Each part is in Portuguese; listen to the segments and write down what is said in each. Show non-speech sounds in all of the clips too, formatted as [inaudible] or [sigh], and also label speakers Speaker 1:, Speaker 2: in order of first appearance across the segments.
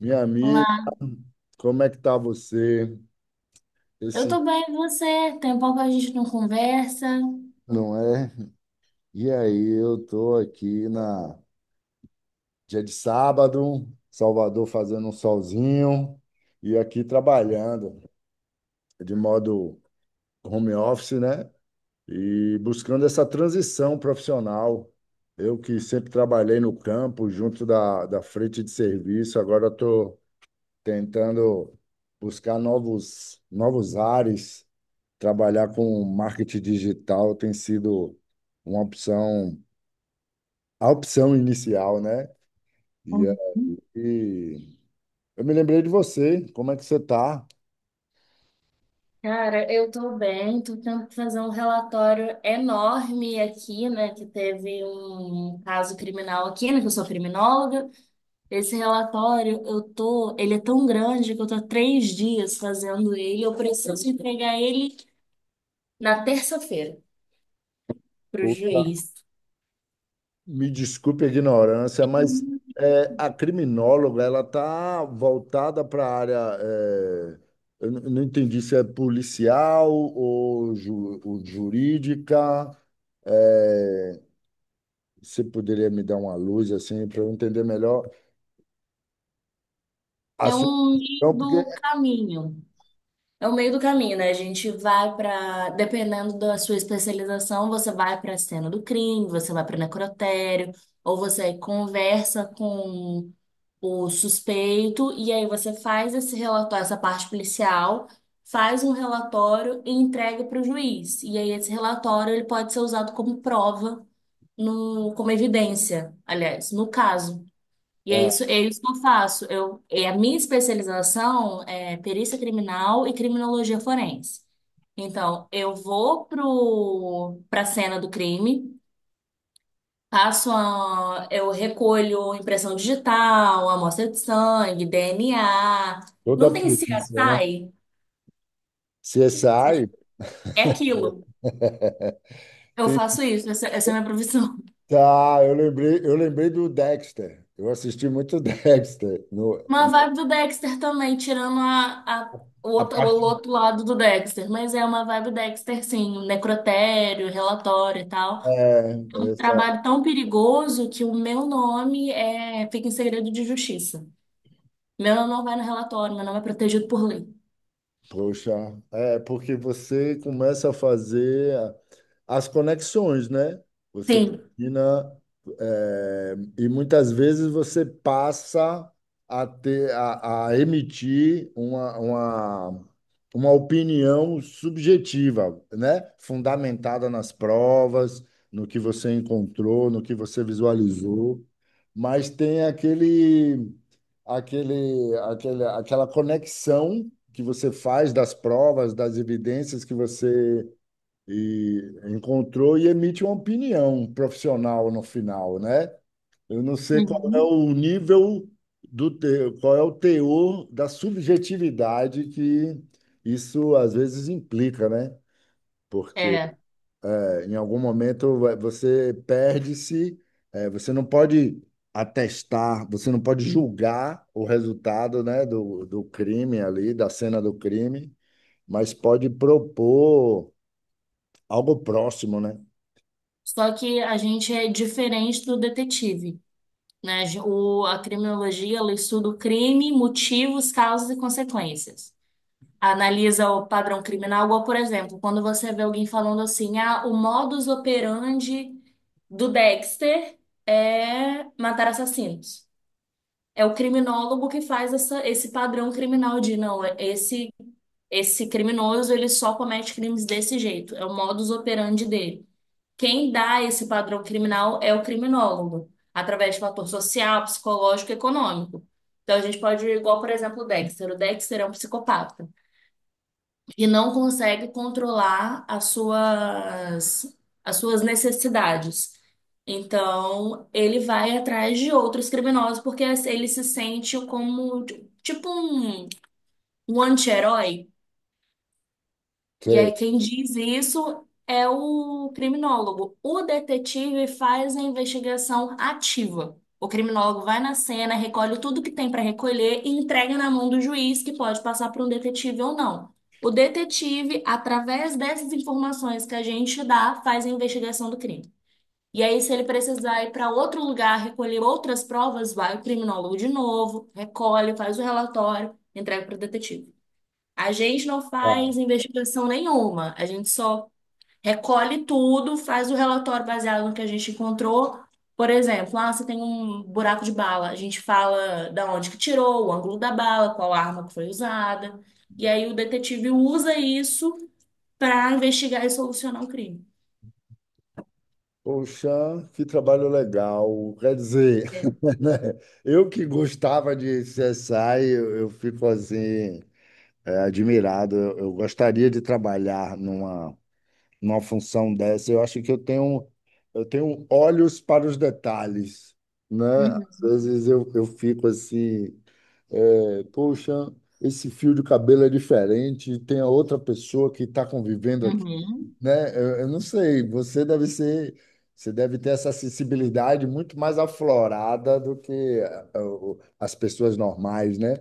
Speaker 1: Minha amiga,
Speaker 2: Olá,
Speaker 1: como é que tá você?
Speaker 2: eu
Speaker 1: Esse
Speaker 2: tô bem, e você? Tem um pouco que a gente não conversa.
Speaker 1: Não é? E aí, eu tô aqui na dia de sábado, Salvador fazendo um solzinho e aqui trabalhando de modo home office, né? E buscando essa transição profissional. Eu que sempre trabalhei no campo, junto da frente de serviço, agora estou tentando buscar novos ares. Trabalhar com marketing digital tem sido uma opção, a opção inicial, né? E
Speaker 2: Uhum.
Speaker 1: aí, eu me lembrei de você, como é que você está?
Speaker 2: Cara, eu tô bem, tô tentando fazer um relatório enorme aqui, né? Que teve um caso criminal aqui, né? Que eu sou criminóloga. Esse relatório, ele é tão grande que eu tô há 3 dias fazendo ele. Eu preciso entregar ele na terça-feira pro
Speaker 1: Poxa,
Speaker 2: juiz.
Speaker 1: me desculpe a ignorância, mas
Speaker 2: Hum.
Speaker 1: a criminóloga, ela está voltada para a área, não entendi se é policial ou, ou jurídica, é, você poderia me dar uma luz assim para eu entender melhor a
Speaker 2: É
Speaker 1: sua
Speaker 2: um meio
Speaker 1: opção, porque
Speaker 2: do caminho. É o meio do caminho, né? A gente vai pra. Dependendo da sua especialização, você vai pra cena do crime, você vai pra necrotério, ou você conversa com o suspeito, e aí você faz esse relatório, essa parte policial, faz um relatório e entrega para o juiz. E aí esse relatório ele pode ser usado como prova no, como evidência, aliás, no caso. E
Speaker 1: é,
Speaker 2: é isso que eu faço. Eu, é a minha especialização é perícia criminal e criminologia forense. Então, eu vou para a cena do crime, eu recolho impressão digital, amostra de sangue, DNA.
Speaker 1: toda
Speaker 2: Não
Speaker 1: a
Speaker 2: tem
Speaker 1: perícia, né?
Speaker 2: CSI? Ou seja,
Speaker 1: CSI?
Speaker 2: é aquilo.
Speaker 1: [laughs]
Speaker 2: Eu
Speaker 1: Tem-
Speaker 2: faço isso, essa é a minha profissão.
Speaker 1: Tá, eu lembrei do Dexter. Eu assisti muito [laughs] Dexter. No,
Speaker 2: Uma vibe do Dexter também, tirando
Speaker 1: A
Speaker 2: o
Speaker 1: parte,
Speaker 2: outro lado do Dexter. Mas é uma vibe Dexter, sim. Um necrotério, relatório e tal.
Speaker 1: é,
Speaker 2: Um
Speaker 1: é,
Speaker 2: trabalho tão perigoso que o meu nome fica em segredo de justiça. Meu nome não vai no relatório, meu nome é protegido por lei.
Speaker 1: poxa, é porque você começa a fazer as conexões, né? Você
Speaker 2: Sim.
Speaker 1: termina, e muitas vezes você passa a a emitir uma opinião subjetiva, né? Fundamentada nas provas, no que você encontrou, no que você visualizou, mas tem aquele aquele, aquele, aquela conexão que você faz das provas, das evidências que você e, encontrou e emite uma opinião profissional no final, né? Eu não sei qual é
Speaker 2: Uhum.
Speaker 1: o nível qual é o teor da subjetividade que isso às vezes implica, né? Porque
Speaker 2: É.
Speaker 1: em algum momento você perde-se, você não pode atestar, você não pode julgar o resultado, né, do crime ali, da cena do crime, mas pode propor algo próximo, né?
Speaker 2: Só que a gente é diferente do detetive, né? A criminologia, ela estuda o crime, motivos, causas e consequências. Analisa o padrão criminal, igual, por exemplo, quando você vê alguém falando assim, ah, o modus operandi do Dexter é matar assassinos. É o criminólogo que faz esse padrão criminal de, não, esse criminoso, ele só comete crimes desse jeito, é o modus operandi dele. Quem dá esse padrão criminal é o criminólogo, através de fator social, psicológico e econômico. Então, a gente pode ir igual, por exemplo, o Dexter. O Dexter é um psicopata e não consegue controlar as suas necessidades. Então, ele vai atrás de outros criminosos porque ele se sente como tipo um anti-herói. E
Speaker 1: Você,
Speaker 2: aí, quem diz isso é o criminólogo. O detetive faz a investigação ativa. O criminólogo vai na cena, recolhe tudo que tem para recolher e entrega na mão do juiz, que pode passar para um detetive ou não. O detetive, através dessas informações que a gente dá, faz a investigação do crime. E aí, se ele precisar ir para outro lugar recolher outras provas, vai o criminólogo de novo, recolhe, faz o relatório, entrega para o detetive. A gente não
Speaker 1: ah,
Speaker 2: faz investigação nenhuma, a gente só recolhe tudo, faz o relatório baseado no que a gente encontrou. Por exemplo, ah, você tem um buraco de bala, a gente fala da onde que tirou, o ângulo da bala, qual arma que foi usada, e aí o detetive usa isso para investigar e solucionar o crime.
Speaker 1: Poxa, que trabalho legal. Quer dizer,
Speaker 2: É.
Speaker 1: [laughs] né? Eu que gostava de CSI, eu fico assim, admirado. Eu gostaria de trabalhar numa numa função dessa. Eu acho que eu tenho olhos para os detalhes, né? Às
Speaker 2: Uhum.
Speaker 1: vezes eu fico assim, poxa, esse fio de cabelo é diferente, tem a outra pessoa que está convivendo aqui,
Speaker 2: Uhum.
Speaker 1: né? Eu não sei, você deve ter essa sensibilidade muito mais aflorada do que as pessoas normais, né?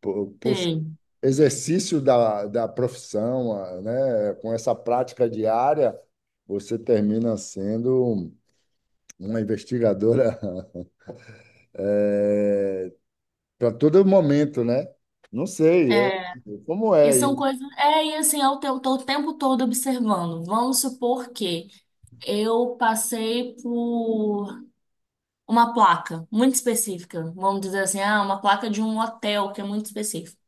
Speaker 1: Por
Speaker 2: Sim.
Speaker 1: exercício da profissão, né? Com essa prática diária, você termina sendo uma investigadora [laughs] para todo momento, né? Não sei,
Speaker 2: É,
Speaker 1: como
Speaker 2: e
Speaker 1: é
Speaker 2: são
Speaker 1: isso,
Speaker 2: coisas. É, e assim, eu estou o tempo todo observando. Vamos supor que eu passei por uma placa muito específica. Vamos dizer assim, ah, uma placa de um hotel que é muito específico.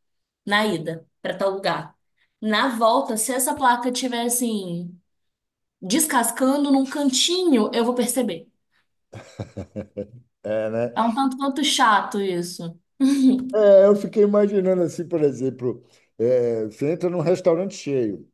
Speaker 2: Na ida, para tal lugar. Na volta, se essa placa estiver assim, descascando num cantinho, eu vou perceber.
Speaker 1: é, né?
Speaker 2: É um tanto quanto chato isso. [laughs]
Speaker 1: É, eu fiquei imaginando assim, por exemplo, você entra num restaurante cheio.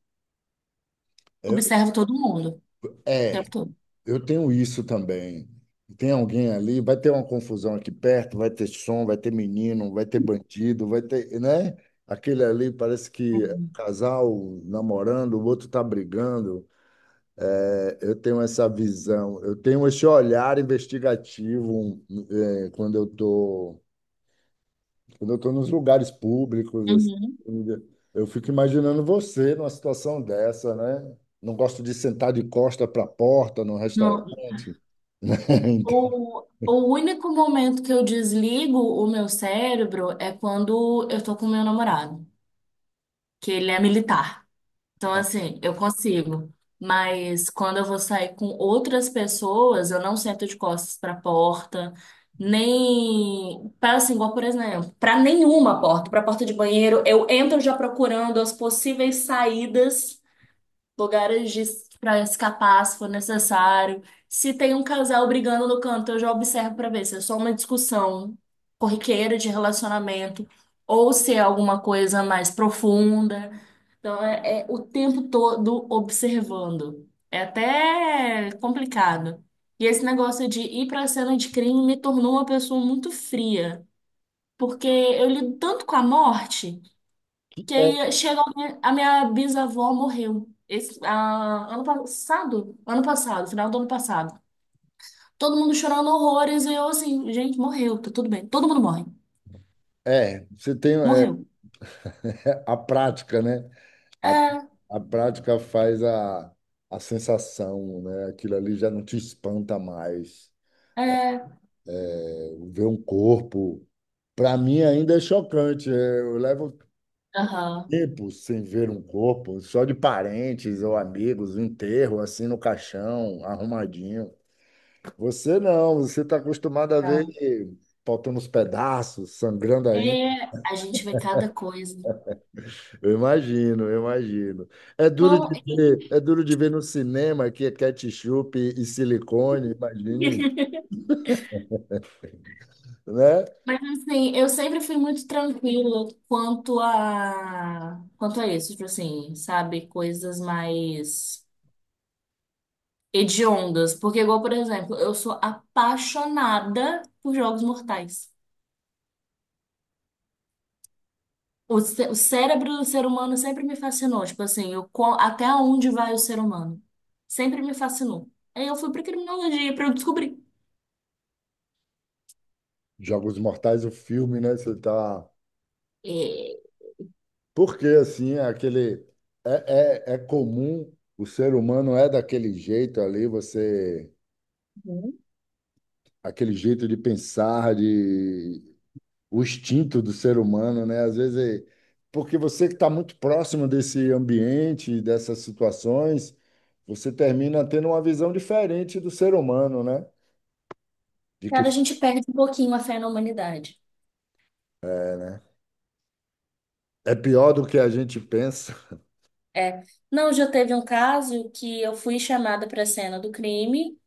Speaker 2: Observo todo mundo, o
Speaker 1: é
Speaker 2: tempo
Speaker 1: é.
Speaker 2: todo.
Speaker 1: Eu tenho isso também. Tem alguém ali, vai ter uma confusão aqui perto, vai ter som, vai ter menino, vai ter bandido, vai ter, né? Aquele ali parece que é
Speaker 2: Uhum.
Speaker 1: casal namorando, o outro tá brigando. É, eu tenho essa visão, eu tenho esse olhar investigativo, né, quando eu tô nos lugares públicos,
Speaker 2: Uhum.
Speaker 1: assim, né? Eu fico imaginando você numa situação dessa, né? Não gosto de sentar de costa para a porta num
Speaker 2: Não,
Speaker 1: restaurante. Né? [laughs]
Speaker 2: o único momento que eu desligo o meu cérebro é quando eu tô com meu namorado, que ele é militar. Então, assim, eu consigo. Mas quando eu vou sair com outras pessoas, eu não sento de costas para a porta, nem para assim, igual, por exemplo, para nenhuma porta, para a porta de banheiro, eu entro já procurando as possíveis saídas lugares de para escapar se for necessário. Se tem um casal brigando no canto, eu já observo para ver se é só uma discussão corriqueira de relacionamento ou se é alguma coisa mais profunda. Então é o tempo todo observando. É até complicado. E esse negócio de ir para a cena de crime me tornou uma pessoa muito fria, porque eu lido tanto com a morte. Que
Speaker 1: É,
Speaker 2: aí chega alguém, a minha bisavó morreu. Ano passado? Ano passado, final do ano passado. Todo mundo chorando horrores e eu assim, gente, morreu, tá tudo bem. Todo mundo morre.
Speaker 1: você tem
Speaker 2: Morreu.
Speaker 1: [laughs] a prática, né? A,
Speaker 2: É,
Speaker 1: a prática faz a sensação, né? Aquilo ali já não te espanta mais.
Speaker 2: é.
Speaker 1: É, ver um corpo, para mim ainda é chocante. Eu levo
Speaker 2: Aham,
Speaker 1: tempo sem ver um corpo, só de parentes ou amigos, um enterro assim no caixão, arrumadinho. Você não, você está acostumado a ver
Speaker 2: tá.
Speaker 1: faltando os pedaços, sangrando.
Speaker 2: É, a gente vê cada coisa.
Speaker 1: Eu imagino, eu imagino. É duro
Speaker 2: Então,
Speaker 1: de ver, é duro de ver no cinema que é ketchup e silicone, imagine,
Speaker 2: [laughs]
Speaker 1: [laughs] né?
Speaker 2: mas assim, eu sempre fui muito tranquila quanto a isso, tipo assim, sabe, coisas mais hediondas. Porque, igual, por exemplo, eu sou apaixonada por jogos mortais. O cérebro do ser humano sempre me fascinou. Tipo assim, até onde vai o ser humano? Sempre me fascinou. Aí eu fui pra criminologia pra eu descobrir.
Speaker 1: Jogos Mortais, o filme, né? Você tá.
Speaker 2: E,
Speaker 1: Porque assim, é aquele é comum, o ser humano é daquele jeito ali, você aquele jeito de pensar, de o instinto do ser humano, né? Às vezes, é- porque você que está muito próximo desse ambiente, dessas situações, você termina tendo uma visão diferente do ser humano, né? De que
Speaker 2: cara, a gente perde um pouquinho a fé na humanidade.
Speaker 1: é, né? É pior do que a gente pensa. [laughs]
Speaker 2: É. Não, já teve um caso que eu fui chamada para a cena do crime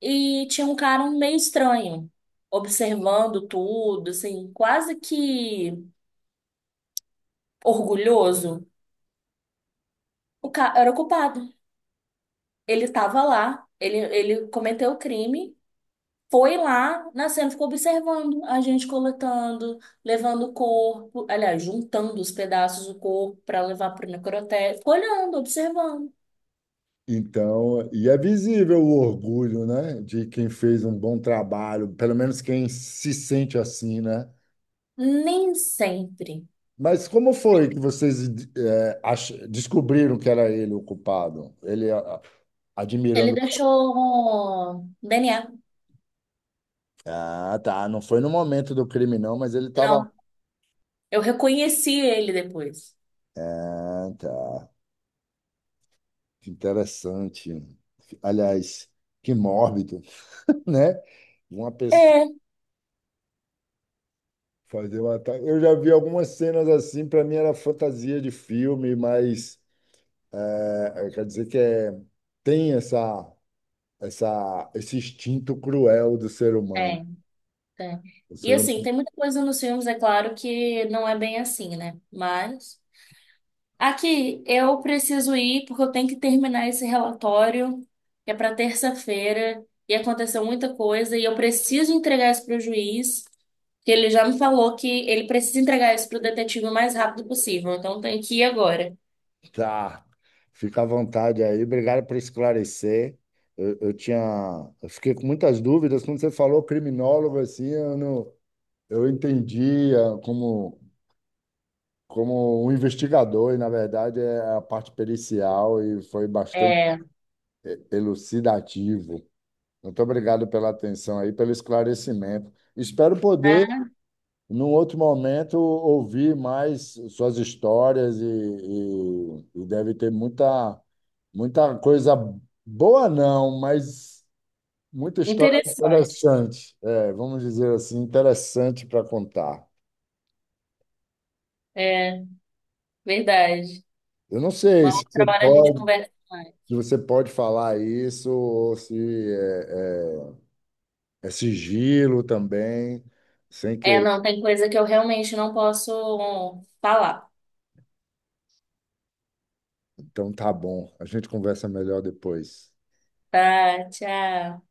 Speaker 2: e tinha um cara meio estranho, observando tudo, assim, quase que orgulhoso. O cara era o culpado. Ele estava lá, ele cometeu o crime, foi lá, na cena ficou observando a gente coletando, levando o corpo, aliás, juntando os pedaços do corpo para levar para o necrotério. Ficou olhando, observando.
Speaker 1: Então, e é visível o orgulho, né? De quem fez um bom trabalho, pelo menos quem se sente assim, né?
Speaker 2: Nem sempre.
Speaker 1: Mas como foi que vocês descobriram que era ele o culpado?
Speaker 2: Ele
Speaker 1: Admirando.
Speaker 2: deixou DNA.
Speaker 1: Ah, tá. Não foi no momento do crime, não, mas ele estava.
Speaker 2: Não, eu reconheci ele depois.
Speaker 1: Ah, tá. Que interessante. Aliás, que mórbido, [laughs] né? Uma pessoa
Speaker 2: É,
Speaker 1: fazer um ataque. Eu já vi algumas cenas assim, para mim era fantasia de filme, mas é, quer dizer que é, tem essa, esse instinto cruel do ser
Speaker 2: é,
Speaker 1: humano.
Speaker 2: é.
Speaker 1: O
Speaker 2: E
Speaker 1: ser
Speaker 2: assim, tem muita coisa nos filmes, é claro, que não é bem assim, né? Mas. Aqui, eu preciso ir porque eu tenho que terminar esse relatório, que é para terça-feira, e aconteceu muita coisa, e eu preciso entregar isso para o juiz, que ele já me falou que ele precisa entregar isso para o detetive o mais rápido possível, então eu tenho que ir agora.
Speaker 1: Tá, fica à vontade aí. Obrigado por esclarecer. Eu, eu tinha, eu fiquei com muitas dúvidas quando você falou criminólogo assim, eu não, eu entendia como como um investigador e na verdade é a parte pericial e foi bastante
Speaker 2: É,
Speaker 1: elucidativo. Muito obrigado pela atenção aí, pelo esclarecimento. Espero poder
Speaker 2: ah,
Speaker 1: num outro momento, ouvi mais suas histórias e deve ter muita, muita coisa boa, não, mas muita história
Speaker 2: interessante.
Speaker 1: interessante. É, vamos dizer assim, interessante para contar.
Speaker 2: É, verdade.
Speaker 1: Eu não sei
Speaker 2: Uma
Speaker 1: se
Speaker 2: outra
Speaker 1: você
Speaker 2: hora a gente
Speaker 1: pode,
Speaker 2: conversa mais.
Speaker 1: se você pode falar isso ou se é sigilo também, sem
Speaker 2: É,
Speaker 1: querer.
Speaker 2: não, tem coisa que eu realmente não posso falar.
Speaker 1: Então tá bom, a gente conversa melhor depois.
Speaker 2: Tá, tchau.